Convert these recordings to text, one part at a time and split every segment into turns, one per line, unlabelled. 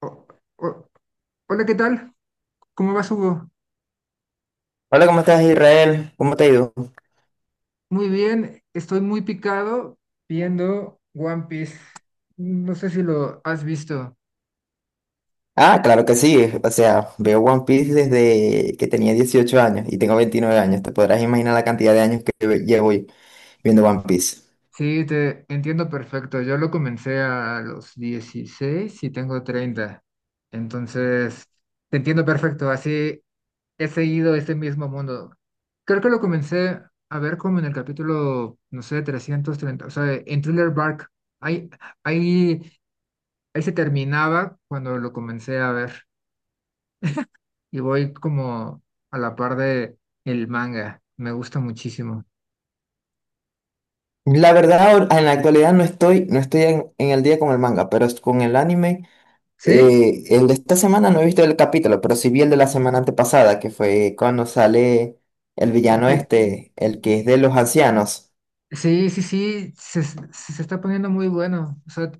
O- o- Hola, ¿qué tal? ¿Cómo vas, Hugo?
Hola, ¿cómo estás, Israel? ¿Cómo te ha ido?
Muy bien, estoy muy picado viendo One Piece. No sé si lo has visto.
Ah, claro que sí. O sea, veo One Piece desde que tenía 18 años y tengo 29 años. Te podrás imaginar la cantidad de años que llevo viendo One Piece.
Sí, te entiendo perfecto. Yo lo comencé a los 16 y tengo 30. Entonces, te entiendo perfecto. Así he seguido este mismo mundo. Creo que lo comencé a ver como en el capítulo, no sé, 330, o sea, en Thriller Bark. Hay, hay Él se terminaba cuando lo comencé a ver y voy como a la par de el manga. Me gusta muchísimo.
La verdad, en la actualidad no estoy en el día con el manga, pero con el anime,
¿Sí?
el de esta semana no he visto el capítulo, pero sí vi el de la semana antepasada, que fue cuando sale el villano
Este,
este, el que es de los ancianos.
sí, sí, sí, se está poniendo muy bueno. O sea,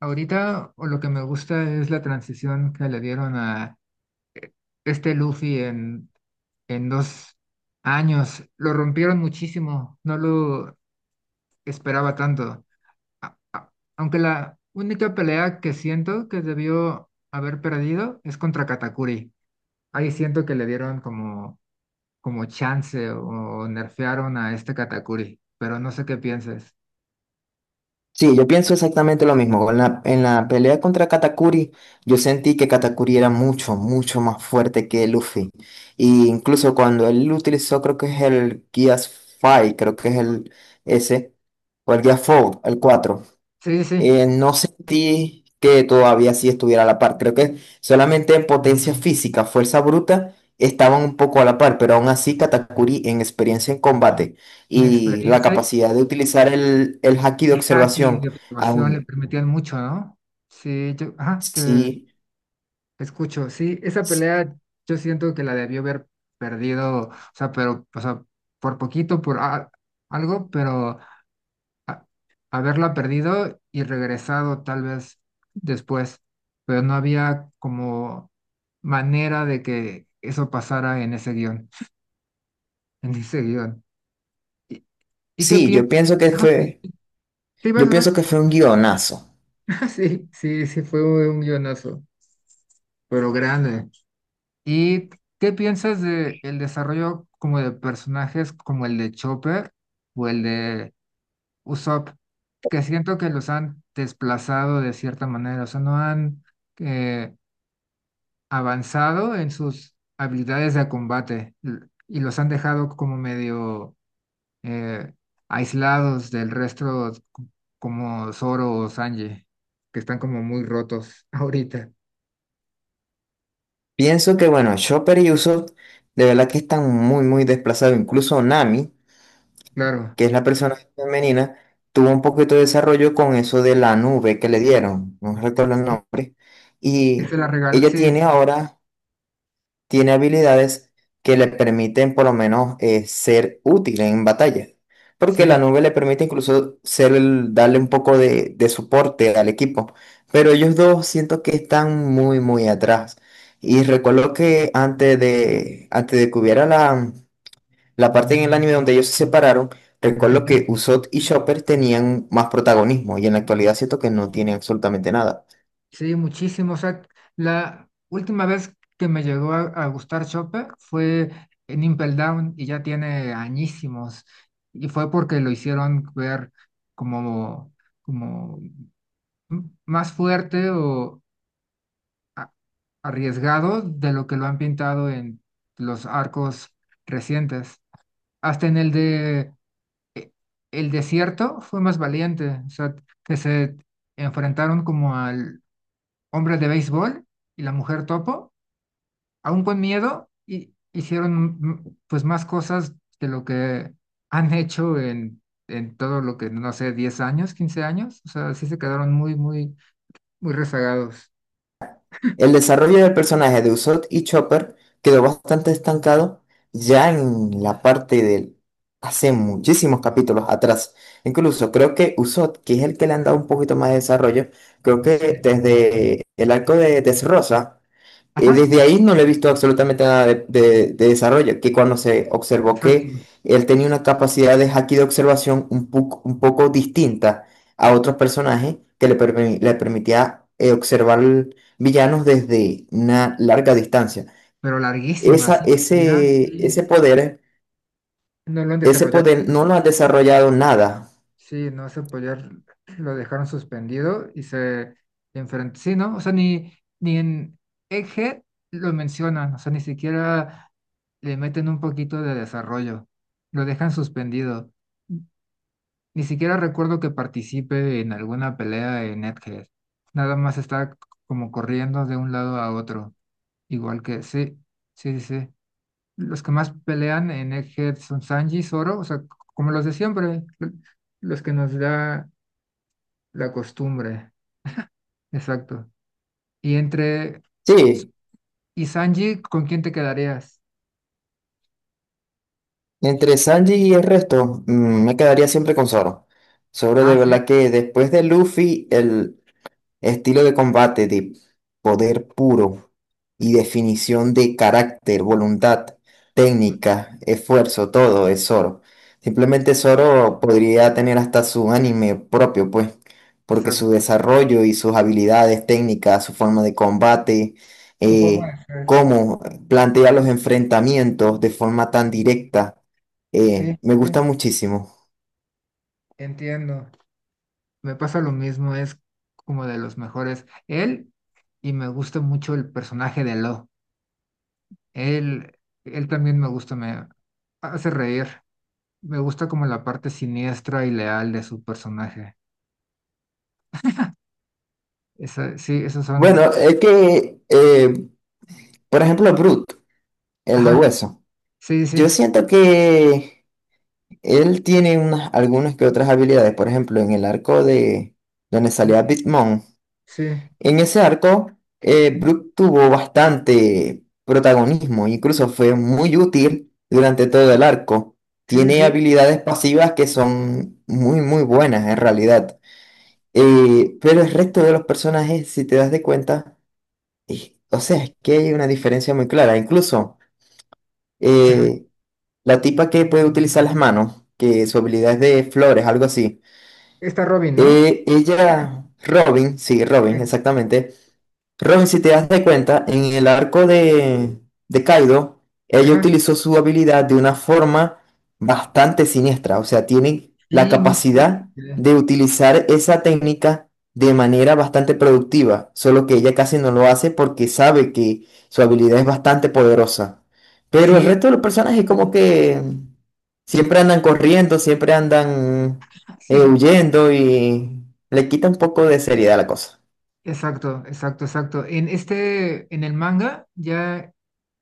ahorita o lo que me gusta es la transición que le dieron a este Luffy en, 2 años. Lo rompieron muchísimo, no lo esperaba tanto. Aunque la única pelea que siento que debió haber perdido es contra Katakuri. Ahí siento que le dieron como chance o nerfearon a este Katakuri, pero no sé qué pienses.
Sí, yo pienso exactamente lo mismo. En la pelea contra Katakuri, yo sentí que Katakuri era mucho, mucho más fuerte que Luffy. Y incluso cuando él utilizó, creo que es el Gear 5, creo que es el ese, o el Gear 4, el 4.
Sí, sí, sí,
No sentí que todavía sí estuviera a la par. Creo que solamente en potencia física, fuerza bruta, estaban un poco a la par, pero aún así Katakuri en experiencia en combate y la
inexperiencia
capacidad de utilizar el haki de
y haki
observación,
de observación le
aún
permitían mucho, ¿no? Sí, yo, ajá, te
sí,
escucho. Sí, esa pelea yo siento que la debió haber perdido, o sea, pero, o sea, por poquito, por algo, pero a- haberla perdido y regresado tal vez después, pero no había como manera de que eso pasara en ese guión, en ese guión. ¿Y, y qué
sí,
piensas? Ajá, sí,
yo
vas,
pienso
vas.
que fue un guionazo.
Sí, sí, sí, fue un guionazo, pero grande. ¿Y qué piensas de el desarrollo como de personajes como el de Chopper o el de Usopp? Que siento que los han desplazado de cierta manera, o sea, no han eh, avanzado en sus habilidades de combate y los han dejado como medio eh, aislados del resto, como Zoro o Sanji, que están como muy rotos ahorita.
Pienso que, bueno, Chopper y Usopp de verdad que están muy, muy desplazados, incluso Nami,
Claro,
que es la persona femenina, tuvo un poquito de desarrollo con eso de la nube que le dieron, no recuerdo el
sí,
nombre,
que se
y
la regal-
ella
sí, sí,
tiene ahora, tiene habilidades que le permiten por lo menos ser útil en batalla, porque la
sí,
nube le permite incluso ser darle un poco de soporte al equipo, pero ellos dos siento que están muy, muy atrás. Y recuerdo que antes de que hubiera la parte en el anime donde ellos se separaron,
el
recuerdo
tem-
que Usopp y Chopper tenían más protagonismo y en la actualidad siento que no tienen absolutamente nada.
sí, muchísimo. O sea, la última vez que me llegó a, gustar Chopper fue en Impel Down y ya tiene añísimos. Y fue porque lo hicieron ver como como más fuerte o a- arriesgado de lo que lo han pintado en los arcos recientes. Hasta en el de eh, El Desierto fue más valiente, o sea, que se enfrentaron como al hombre de béisbol y la mujer topo, aún con miedo, y hicieron pues más cosas de lo que han hecho en, todo lo que, no sé, 10 años, 15 años, o sea, sí se quedaron muy, muy, muy rezagados.
El desarrollo del personaje de Usopp y Chopper quedó bastante estancado ya en la parte del hace muchísimos capítulos atrás. Incluso creo que Usopp, que es el que le han dado un poquito más de desarrollo, creo que
Sí.
desde el arco de Dressrosa.
Ajá,
Desde ahí no le he visto absolutamente nada de desarrollo, que cuando se observó que
exacto,
él tenía una capacidad de haki de observación un poco distinta a otros personajes que le permitía observar villanos desde una larga distancia.
pero larguísima,
Esa,
sí, ya,
ese,
sí,
ese poder,
no lo han
ese
desarrollado,
poder no lo ha desarrollado nada.
sí, no se apoyar, lo dejaron suspendido y se enfrentó, sí, ¿no? O sea, ni en Eje lo mencionan, o sea, ni siquiera le meten un poquito de desarrollo, lo dejan suspendido. Ni siquiera recuerdo que participe en alguna pelea en Egghead, nada más está como corriendo de un lado a otro, igual que, sí, sí, sí, sí. Los que más pelean en Egghead son Sanji, Zoro, o sea, como los de siempre, los que nos da la costumbre, exacto. Y entre
Sí,
y Sanji, ¿con quién te quedarías?
entre Sanji y el resto, mm, me quedaría siempre con Zoro. Zoro de
Ah, sí,
verdad que después de Luffy, el estilo de combate de poder puro y definición de carácter, voluntad, técnica, esfuerzo, todo es Zoro. Simplemente Zoro podría tener hasta su anime propio, pues, porque su
exacto.
desarrollo y sus habilidades técnicas, su forma de combate,
Su forma de
eh,
ser.
cómo plantea los enfrentamientos de forma tan directa,
Sí,
me gusta
sí,
muchísimo.
entiendo. Me pasa lo mismo, es como de los mejores. Él, y me gusta mucho el personaje de Lo. Él, él también me gusta, me hace reír. Me gusta como la parte siniestra y leal de su personaje. Esa, sí, esos son.
Bueno, es que, por ejemplo, Brute, el de
Ajá,
hueso.
sí,
Yo
sí.
siento que él tiene unas, algunas que otras habilidades. Por ejemplo, en el arco de donde salía
Sí,
Bitmon.
sí,
En ese arco, Brook tuvo bastante protagonismo. Incluso fue muy útil durante todo el arco.
sí,
Tiene
sí.
habilidades pasivas que son muy, muy buenas en realidad. Pero el resto de los personajes, si te das de cuenta, o sea, es que hay una diferencia muy clara. Incluso,
Ajá.
eh, la tipa que puede utilizar las manos, que su habilidad es de flores, algo así.
Está Robin, ¿no?
Ella, Robin, sí, Robin,
Sí.
exactamente. Robin, si te das de cuenta, en el de Kaido, ella
Ajá.
utilizó su habilidad de una forma bastante siniestra. O sea, tiene la
Sí, muy fuerte.
capacidad de utilizar esa técnica de manera bastante productiva, solo que ella casi no lo hace porque sabe que su habilidad es bastante poderosa. Pero el
Sí,
resto de los personajes como que siempre andan corriendo, siempre andan
sí.
huyendo y le quita un poco de seriedad a la cosa.
Exacto, exacto, exacto. En el manga, ya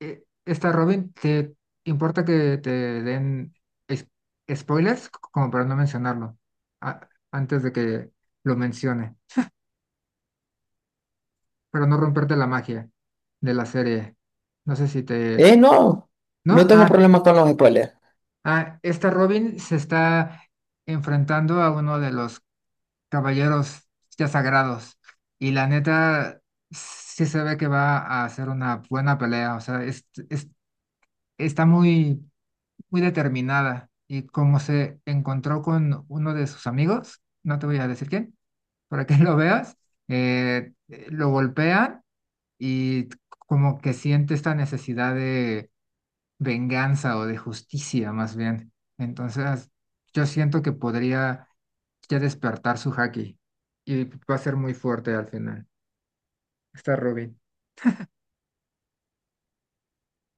está Robin, ¿te importa que te den es- spoilers? Como para no mencionarlo, antes de que lo mencione. Pero no romperte la magia de la serie. No sé si te.
No,
¿No?
no tengo
Ah,
problema con los spoilers.
ah, esta Robin se está enfrentando a uno de los caballeros ya sagrados y la neta sí se ve que va a hacer una buena pelea, o sea, está muy, muy determinada y como se encontró con uno de sus amigos, no te voy a decir quién, para que lo veas, lo golpean y como que siente esta necesidad de venganza o de justicia más bien. Entonces, yo siento que podría ya despertar su haki y va a ser muy fuerte al final. Está Robin.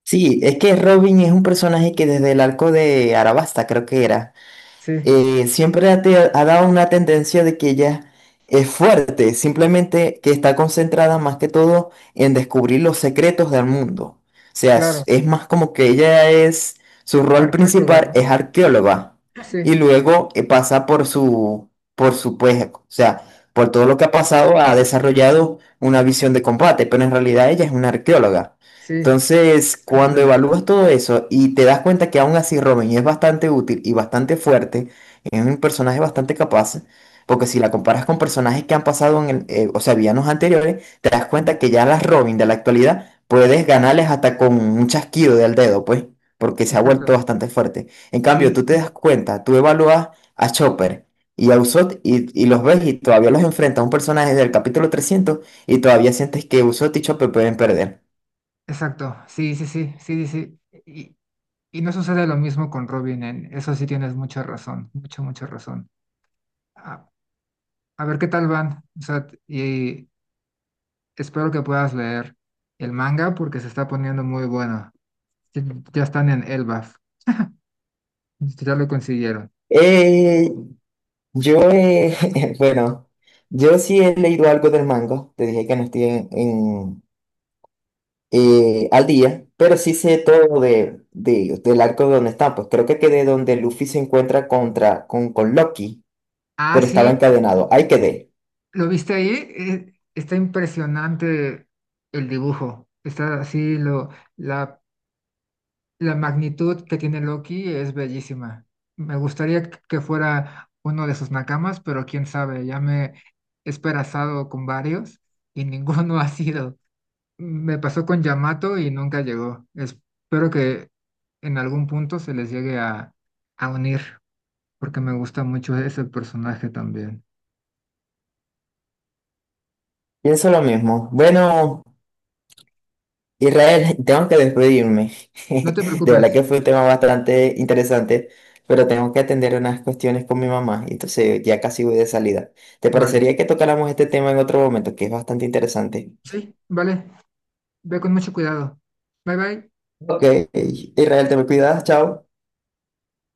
Sí, es que Robin es un personaje que desde el arco de Arabasta, creo que era.
Sí,
Siempre ha dado una tendencia de que ella es fuerte, simplemente que está concentrada más que todo en descubrir los secretos del mundo. O sea,
claro,
es más como que ella es, su rol
arqueóloga,
principal es
¿no?
arqueóloga y
Sí,
luego pasa por por su, pues, o sea, por todo lo que ha pasado, ha desarrollado una visión de combate, pero en realidad ella es una arqueóloga.
sí,
Entonces,
no
cuando
pelear.
evalúas todo eso y te das cuenta que aún así Robin es bastante útil y bastante fuerte, es un personaje bastante capaz, porque si la comparas con personajes que han pasado en o sea, villanos anteriores, te das
Sí,
cuenta que ya las Robin de la actualidad puedes ganarles hasta con un chasquido del dedo, pues, porque se ha vuelto
exacto.
bastante fuerte. En
Sí,
cambio,
sí,
tú te
sí,
das cuenta, tú evalúas a Chopper y a Usopp y los ves y todavía los enfrentas a un personaje del capítulo 300 y todavía sientes que Usopp y Chopper pueden perder.
exacto. Sí, sí, sí, sí, sí, sí. Y no sucede lo mismo con Robin, en eso sí tienes mucha razón, mucha, mucha razón. Ah, a ver qué tal van. O sea, y espero que puedas leer el manga porque se está poniendo muy bueno. Ya ya están en Elbaf. Ya lo consiguieron.
Eh, bueno. Yo sí he leído algo del manga, te dije que no estoy al día, pero sí sé todo de del arco de donde están. Pues creo que quedé donde Luffy se encuentra con Loki,
Ah,
pero estaba
sí,
encadenado. Ahí quedé.
¿lo viste ahí? Está impresionante el dibujo. Está así, la, la magnitud que tiene Loki es bellísima. Me gustaría que fuera uno de sus nakamas, pero quién sabe, ya me he esperanzado con varios y ninguno ha sido. Me pasó con Yamato y nunca llegó. Espero que en algún punto se les llegue a, unir, porque me gusta mucho ese personaje también.
Pienso lo mismo. Bueno, Israel, tengo que despedirme.
No te
De verdad
preocupes,
que fue un tema bastante interesante, pero tengo que atender unas cuestiones con mi mamá, entonces ya casi voy de salida. ¿Te
vale.
parecería que tocáramos este tema en otro momento, que es bastante interesante?
Sí, vale. Ve con mucho cuidado. Bye bye.
Ok, Israel, te me cuidas, chao.